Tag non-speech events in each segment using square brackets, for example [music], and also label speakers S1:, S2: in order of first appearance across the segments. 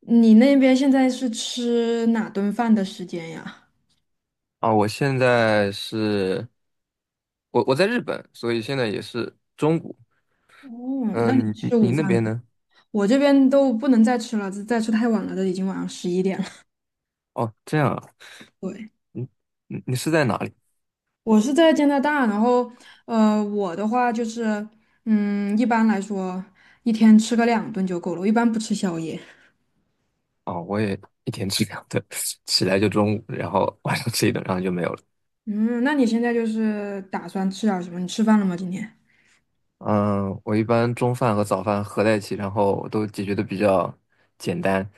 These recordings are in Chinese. S1: 你那边现在是吃哪顿饭的时间呀？
S2: 啊，我现在是，我在日本，所以现在也是中午。
S1: 哦，那你
S2: 嗯、你
S1: 吃
S2: 你
S1: 午
S2: 你那
S1: 饭了？
S2: 边呢？
S1: 我这边都不能再吃了，再吃太晚了，都已经晚上11点了。
S2: 哦，这样啊，
S1: [laughs] 对，
S2: 你你是在哪里？
S1: 我是在加拿大，然后我的话就是，嗯，一般来说一天吃个2顿就够了，我一般不吃宵夜。
S2: 哦，我也一天吃2顿，[laughs] 起来就中午，然后 [laughs] 晚上吃一顿，然后就没有了。
S1: 嗯，那你现在就是打算吃点什么？你吃饭了吗？今天？
S2: 嗯，我一般中饭和早饭合在一起，然后都解决的比较简单。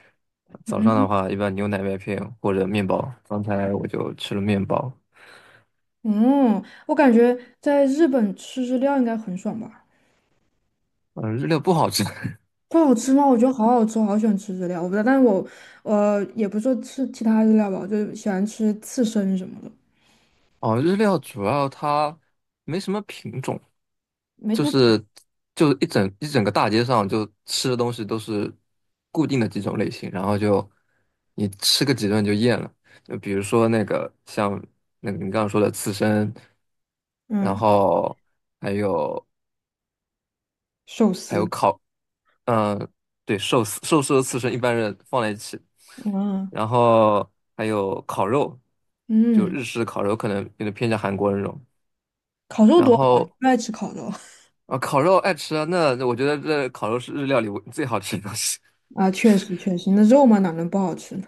S2: 早上的话，一般牛奶麦片或者面包。刚才我就吃了面包。
S1: 嗯，我感觉在日本吃日料应该很爽吧。
S2: 嗯，日料不好吃。[laughs]
S1: 不好吃吗？我觉得好好吃，我好喜欢吃日料。我不知道，但是我也不是说吃其他日料吧，我就喜欢吃刺身什么的，
S2: 哦，日料主要它没什么品种。
S1: 没什
S2: 就
S1: 么。
S2: 是就一整个大街上就吃的东西都是固定的几种类型，然后就你吃个几顿就厌了。就比如说那个像那个你刚刚说的刺身，然
S1: 嗯
S2: 后还有
S1: 寿
S2: 还有
S1: 司
S2: 烤，嗯、对，寿司和刺身一般人放在一起，
S1: 嗯
S2: 然后还有烤肉，就
S1: 嗯，
S2: 日式烤肉可能有点偏向韩国那种。
S1: 烤肉
S2: 然
S1: 多好啊，
S2: 后
S1: 不爱吃烤肉
S2: 啊，烤肉爱吃啊，那我觉得这烤肉是日料里我最好吃的东西。[laughs]
S1: [laughs] 啊，确实确实，那肉嘛哪能不好吃呢？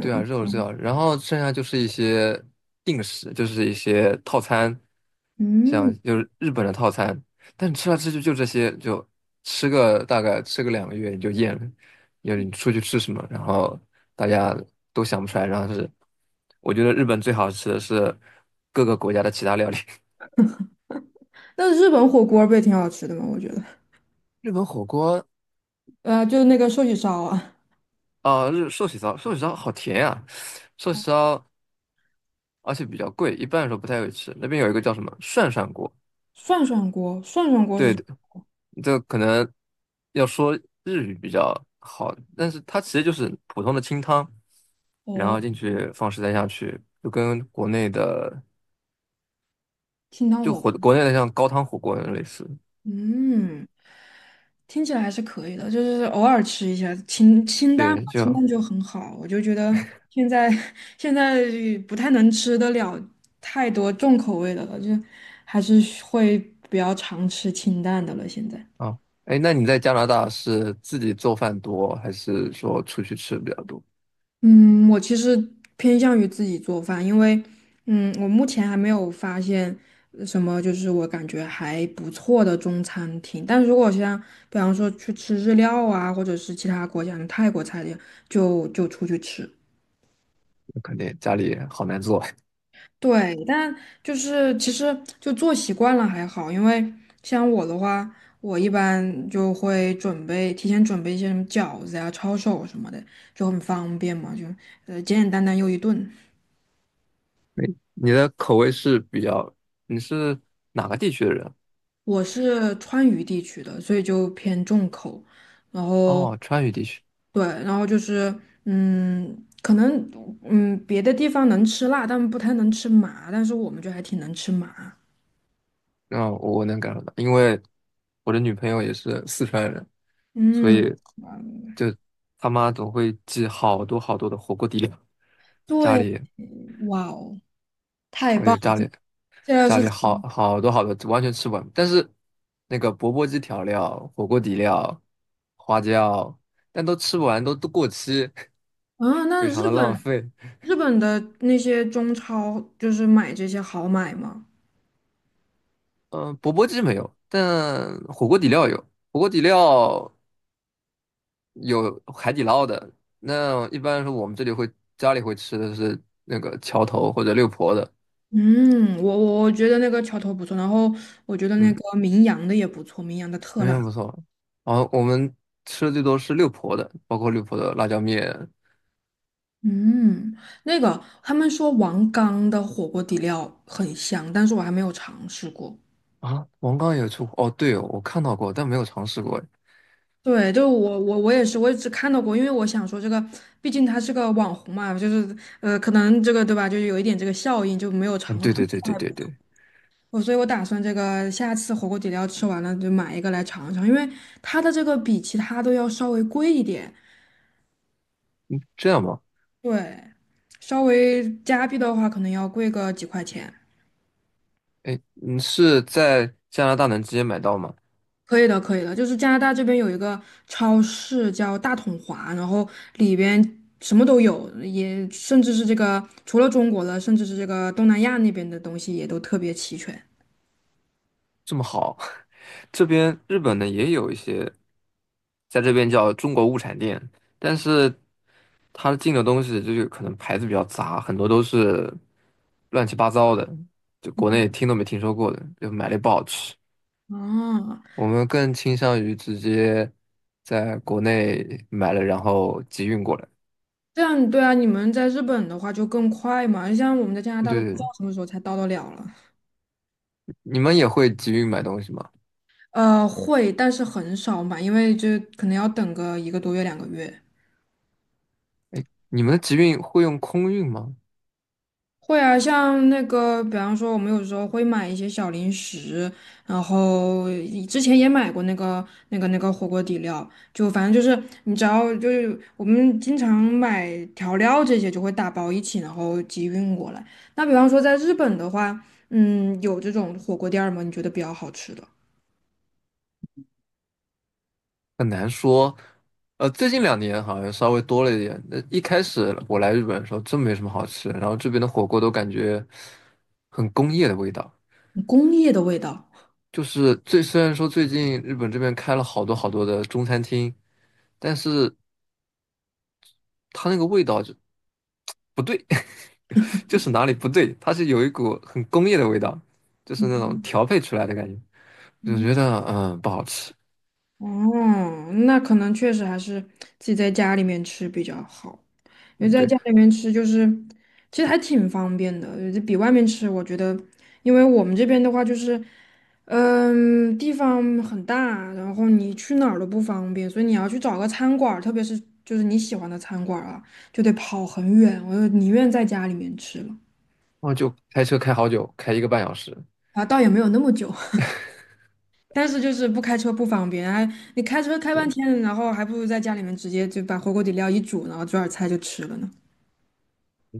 S2: 对啊，肉是最好然后剩下就是一些定食，就是一些套餐，像
S1: 嗯，
S2: 就是日本的套餐，但你吃来吃去就这些，就大概吃个2个月你就厌了。就是你出去吃什么，然后大家都想不出来，然后是我觉得日本最好吃的是各个国家的其他料理，
S1: 那日本火锅儿不也挺好吃的吗？我觉得，
S2: [laughs] 日本火锅。
S1: 就是那个寿喜烧啊，
S2: 啊，日寿喜烧，寿喜烧好甜呀、寿喜烧而且比较贵，一般来说不太会吃。那边有一个叫什么涮涮锅，
S1: 涮涮锅，涮涮锅是
S2: 对
S1: 什么
S2: 的，
S1: 锅？
S2: 这可能要说日语比较好，但是它其实就是普通的清汤，然
S1: 哦，
S2: 后进去放食材下去，就跟国内的
S1: 清汤
S2: 就
S1: 火
S2: 火
S1: 锅。
S2: 国内的像高汤火锅那种类似。
S1: 嗯。听起来还是可以的，就是偶尔吃一下清清淡嘛，
S2: 对，
S1: 清淡就很好。我就觉得现在 [laughs] 现在不太能吃得了太多重口味的了，就还是会比较常吃清淡的了。现在，
S2: 啊，哎，那你在加拿大是自己做饭多，还是说出去吃比较多？
S1: 嗯，我其实偏向于自己做饭，因为我目前还没有发现什么就是我感觉还不错的中餐厅。但如果像比方说去吃日料啊，或者是其他国家的泰国菜的，就出去吃。
S2: 那肯定家里好难做。[laughs]
S1: 对，但就是其实就做习惯了还好，因为像我的话，我一般就会提前准备一些什么饺子呀、抄手什么的，就很方便嘛，就简简单单又一顿。
S2: 哎，你的口味是比较，你是哪个地区的人？
S1: 我是川渝地区的，所以就偏重口，然后
S2: 哦，川渝地区。
S1: 对，然后就是嗯，可能别的地方能吃辣，但不太能吃麻，但是我们就还挺能吃麻，
S2: 嗯，我能感受到，因为我的女朋友也是四川人，所
S1: 嗯，
S2: 以就他妈总会寄好多好多的火锅底料，家
S1: 对，
S2: 里，
S1: 哇哦，太
S2: 而
S1: 棒
S2: 且
S1: 了！
S2: 家里
S1: 现在
S2: 家
S1: 是
S2: 里好好多好多，完全吃不完。但是那个钵钵鸡调料、火锅底料、花椒，但都吃不完，都过期，
S1: 啊，
S2: [laughs]
S1: 那
S2: 非常
S1: 日
S2: 的浪
S1: 本
S2: 费。
S1: 日本的那些中超就是买这些好买吗？
S2: 嗯、钵钵鸡没有，但火锅底料有。火锅底料有海底捞的。那一般来说我们这里会家里会吃的是那个桥头或者六婆的，
S1: 嗯，我觉得那个桥头不错，然后我觉得那
S2: 嗯，
S1: 个名扬的也不错，名扬的特
S2: 那
S1: 辣。
S2: 边不错。然后我们吃的最多是六婆的，包括六婆的辣椒面
S1: 嗯，那个他们说王刚的火锅底料很香，但是我还没有尝试过。
S2: 啊。王刚也出哦，对哦，我看到过，但没有尝试过。
S1: 对，就我也是，我也只看到过，因为我想说这个，毕竟他是个网红嘛，就是可能这个对吧，就有一点这个效应，就没有尝
S2: 嗯，
S1: 过。
S2: 对
S1: 他们
S2: 对对
S1: 说
S2: 对
S1: 还
S2: 对
S1: 不错。
S2: 对，
S1: 我所以，我打算这个下次火锅底料吃完了就买一个来尝尝，因为它的这个比其他都要稍微贵一点，
S2: 这样吗？
S1: 对，稍微加币的话可能要贵个几块钱。
S2: 哎，你是在加拿大能直接买到吗？
S1: 可以的，可以的，就是加拿大这边有一个超市叫大统华，然后里边什么都有，也甚至是这个除了中国的，甚至是这个东南亚那边的东西也都特别齐全。
S2: 这么好。这边日本呢也有一些，在这边叫中国物产店，但是它进的东西就是可能牌子比较杂，很多都是乱七八糟的，就国内听都没听说过的，就买了也不好吃。
S1: 哦，
S2: 我们更倾向于直接在国内买了，然后集运过来。
S1: 这样对啊，你们在日本的话就更快嘛，像我们在加拿
S2: 对
S1: 大都不知道
S2: 对，
S1: 什么时候才到得了了。
S2: 你们也会集运买东西吗？
S1: 会，但是很少买，因为就可能要等个一个多月、2个月。
S2: 哎，你们的集运会用空运吗？
S1: 会啊，像那个，比方说，我们有时候会买一些小零食，然后以之前也买过那个火锅底料，就反正就是你只要就是我们经常买调料这些，就会打包一起，然后集运过来。那比方说在日本的话，嗯，有这种火锅店儿吗？你觉得比较好吃的，
S2: 很难说，最近2年好像稍微多了一点。那一开始我来日本的时候，真没什么好吃的，然后这边的火锅都感觉很工业的味道。
S1: 工业的味道。
S2: 就是最虽然说最近日本这边开了好多好多的中餐厅，但是它那个味道就不对，[laughs] 就是哪里不对，它是有一股很工业的味道，就是那种
S1: 嗯
S2: 调配出来的感觉，我就觉得不好吃。
S1: 哦，那可能确实还是自己在家里面吃比较好，因为
S2: 嗯，
S1: 在
S2: 对，
S1: 家
S2: 然
S1: 里面吃就是其实还挺方便的，就比外面吃，我觉得，因为我们这边的话就是，嗯，地方很大，然后你去哪儿都不方便，所以你要去找个餐馆儿特别是就是你喜欢的餐馆儿啊，就得跑很远，我就宁愿在家里面吃了
S2: 后就开车开好久，开一个半小时。
S1: 啊，倒也没有那么久。但是就是不开车不方便，还你开车开半
S2: 对。
S1: 天，然后还不如在家里面直接就把火锅底料一煮，然后做点菜就吃了呢。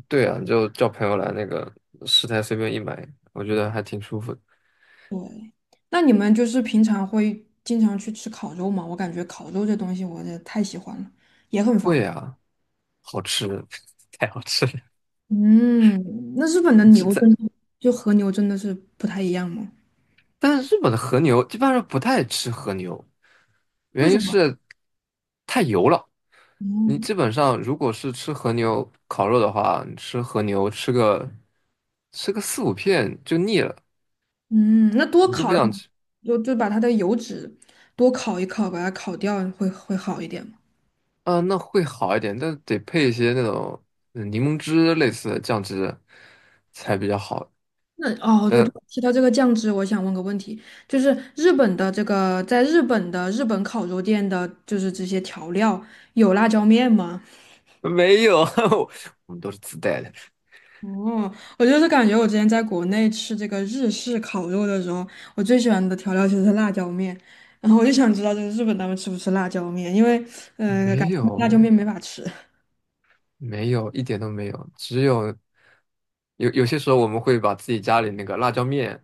S2: 对啊，你就叫朋友来那个食材随便一买，我觉得还挺舒服的。
S1: 对，那你们就是平常会经常去吃烤肉吗？我感觉烤肉这东西我也太喜欢了，也很方
S2: 贵
S1: 便。
S2: 啊，好吃，[laughs] 太好吃了。
S1: 嗯，那日本的
S2: 这
S1: 牛
S2: 在，
S1: 真的就和牛真的是不太一样吗？
S2: 但是日本的和牛一般人不太吃和牛，
S1: 为
S2: 原
S1: 什
S2: 因
S1: 么？
S2: 是太油了。你
S1: 嗯，
S2: 基本上如果是吃和牛烤肉的话，你吃和牛吃个4、5片就腻了，
S1: 嗯，那多
S2: 你就
S1: 烤
S2: 不想
S1: 一
S2: 吃。
S1: 就把它的油脂多烤一烤，把它烤掉会会好一点。
S2: 啊、那会好一点，但得配一些那种柠檬汁类似的酱汁才比较好。
S1: 那哦，对对，
S2: 但。
S1: 提到这个酱汁，我想问个问题，就是日本的这个，在日本的日本烤肉店的，就是这些调料有辣椒面吗？
S2: [laughs] 没有，[laughs] 我们都是自带的。
S1: 哦，我就是感觉我之前在国内吃这个日式烤肉的时候，我最喜欢的调料就是辣椒面，然后我就想知道，就是日本他们吃不吃辣椒面，因为感
S2: 没
S1: 觉辣椒
S2: 有，
S1: 面没法吃。
S2: 没有，一点都没有，只有有些时候我们会把自己家里那个辣椒面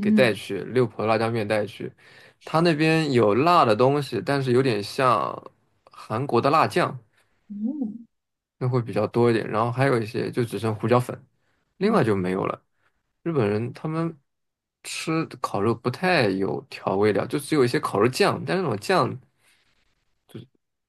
S2: 给带去，六婆辣椒面带去，他那边有辣的东西，但是有点像韩国的辣酱，
S1: 嗯
S2: 那会比较多一点，然后还有一些就只剩胡椒粉，另外就没有了。日本人他们吃烤肉不太有调味料，就只有一些烤肉酱，但是那种酱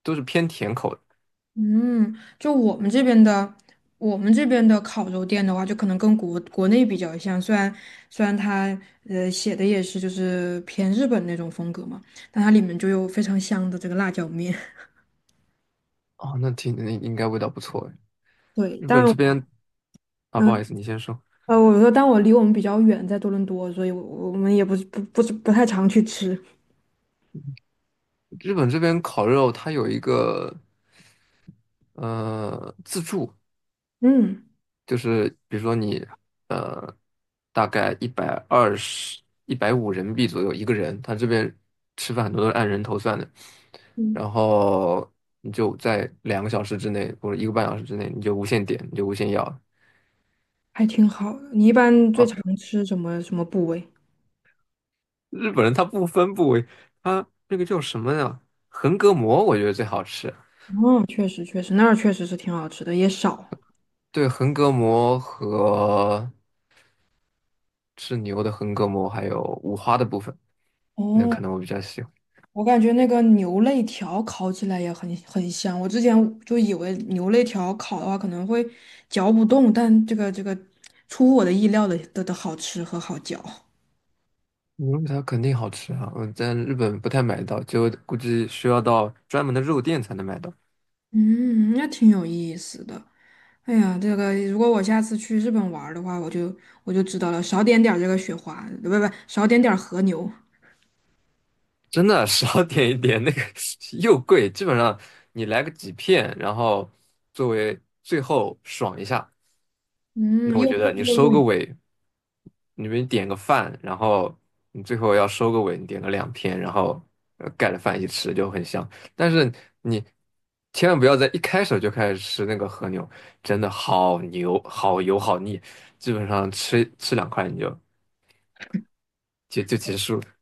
S2: 都是偏甜口的。
S1: 嗯，就我们这边的，我们这边的烤肉店的话，就可能跟国内比较像，虽然它写的也是就是偏日本那种风格嘛，但它里面就有非常香的这个辣椒面。[laughs]
S2: 哦，那应该味道不错哎。
S1: 对，
S2: 日
S1: 但
S2: 本这边啊，不好
S1: 嗯
S2: 意思，你先说。
S1: 我说但我离我们比较远，在多伦多，所以我们也不是不太常去吃。
S2: 日本这边烤肉它有一个自助，
S1: 嗯
S2: 就是比如说你呃大概120、150人民币左右一个人，他这边吃饭很多都是按人头算的，
S1: 嗯，
S2: 然后你就在2个小时之内或者一个半小时之内，你就无限点，你就无限要。
S1: 还挺好的你一般最
S2: 哦，
S1: 常吃什么什么部位？
S2: 日本人他不分部位，他那个叫什么呀？横膈膜，我觉得最好吃。
S1: 嗯，确实确实，那儿确实是挺好吃的，也少。
S2: 对，横膈膜和牛的横膈膜，还有五花的部分，那
S1: 哦，
S2: 可能我比较喜欢。
S1: 我感觉那个牛肋条烤起来也很香。我之前就以为牛肋条烤的话可能会嚼不动，但这个出乎我的意料的好吃和好嚼。
S2: 牛肉它肯定好吃啊，我在日本不太买到，就估计需要到专门的肉店才能买到。
S1: 嗯，那挺有意思的。哎呀，这个如果我下次去日本玩儿的话，我就知道了，少点点儿这个雪花，不不不，少点点儿和牛。
S2: 真的少点一点，那个 [laughs] 又贵，基本上你来个几片，然后作为最后爽一下。
S1: 嗯，
S2: 那我
S1: 又
S2: 觉
S1: 贵
S2: 得你
S1: 又
S2: 收
S1: 又
S2: 个尾，你比如点个饭，然后你最后要收个尾，你点个2片，然后盖着饭一起吃就很香。但是你千万不要在一开始就开始吃那个和牛，真的好牛、好油、好腻，基本上吃2块你就结束了。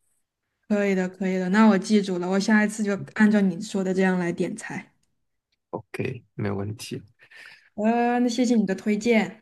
S1: 可以的，可以的。那我记住了，我下一次就按照你说的这样来点菜。
S2: OK，没有问题。
S1: 那谢谢你的推荐。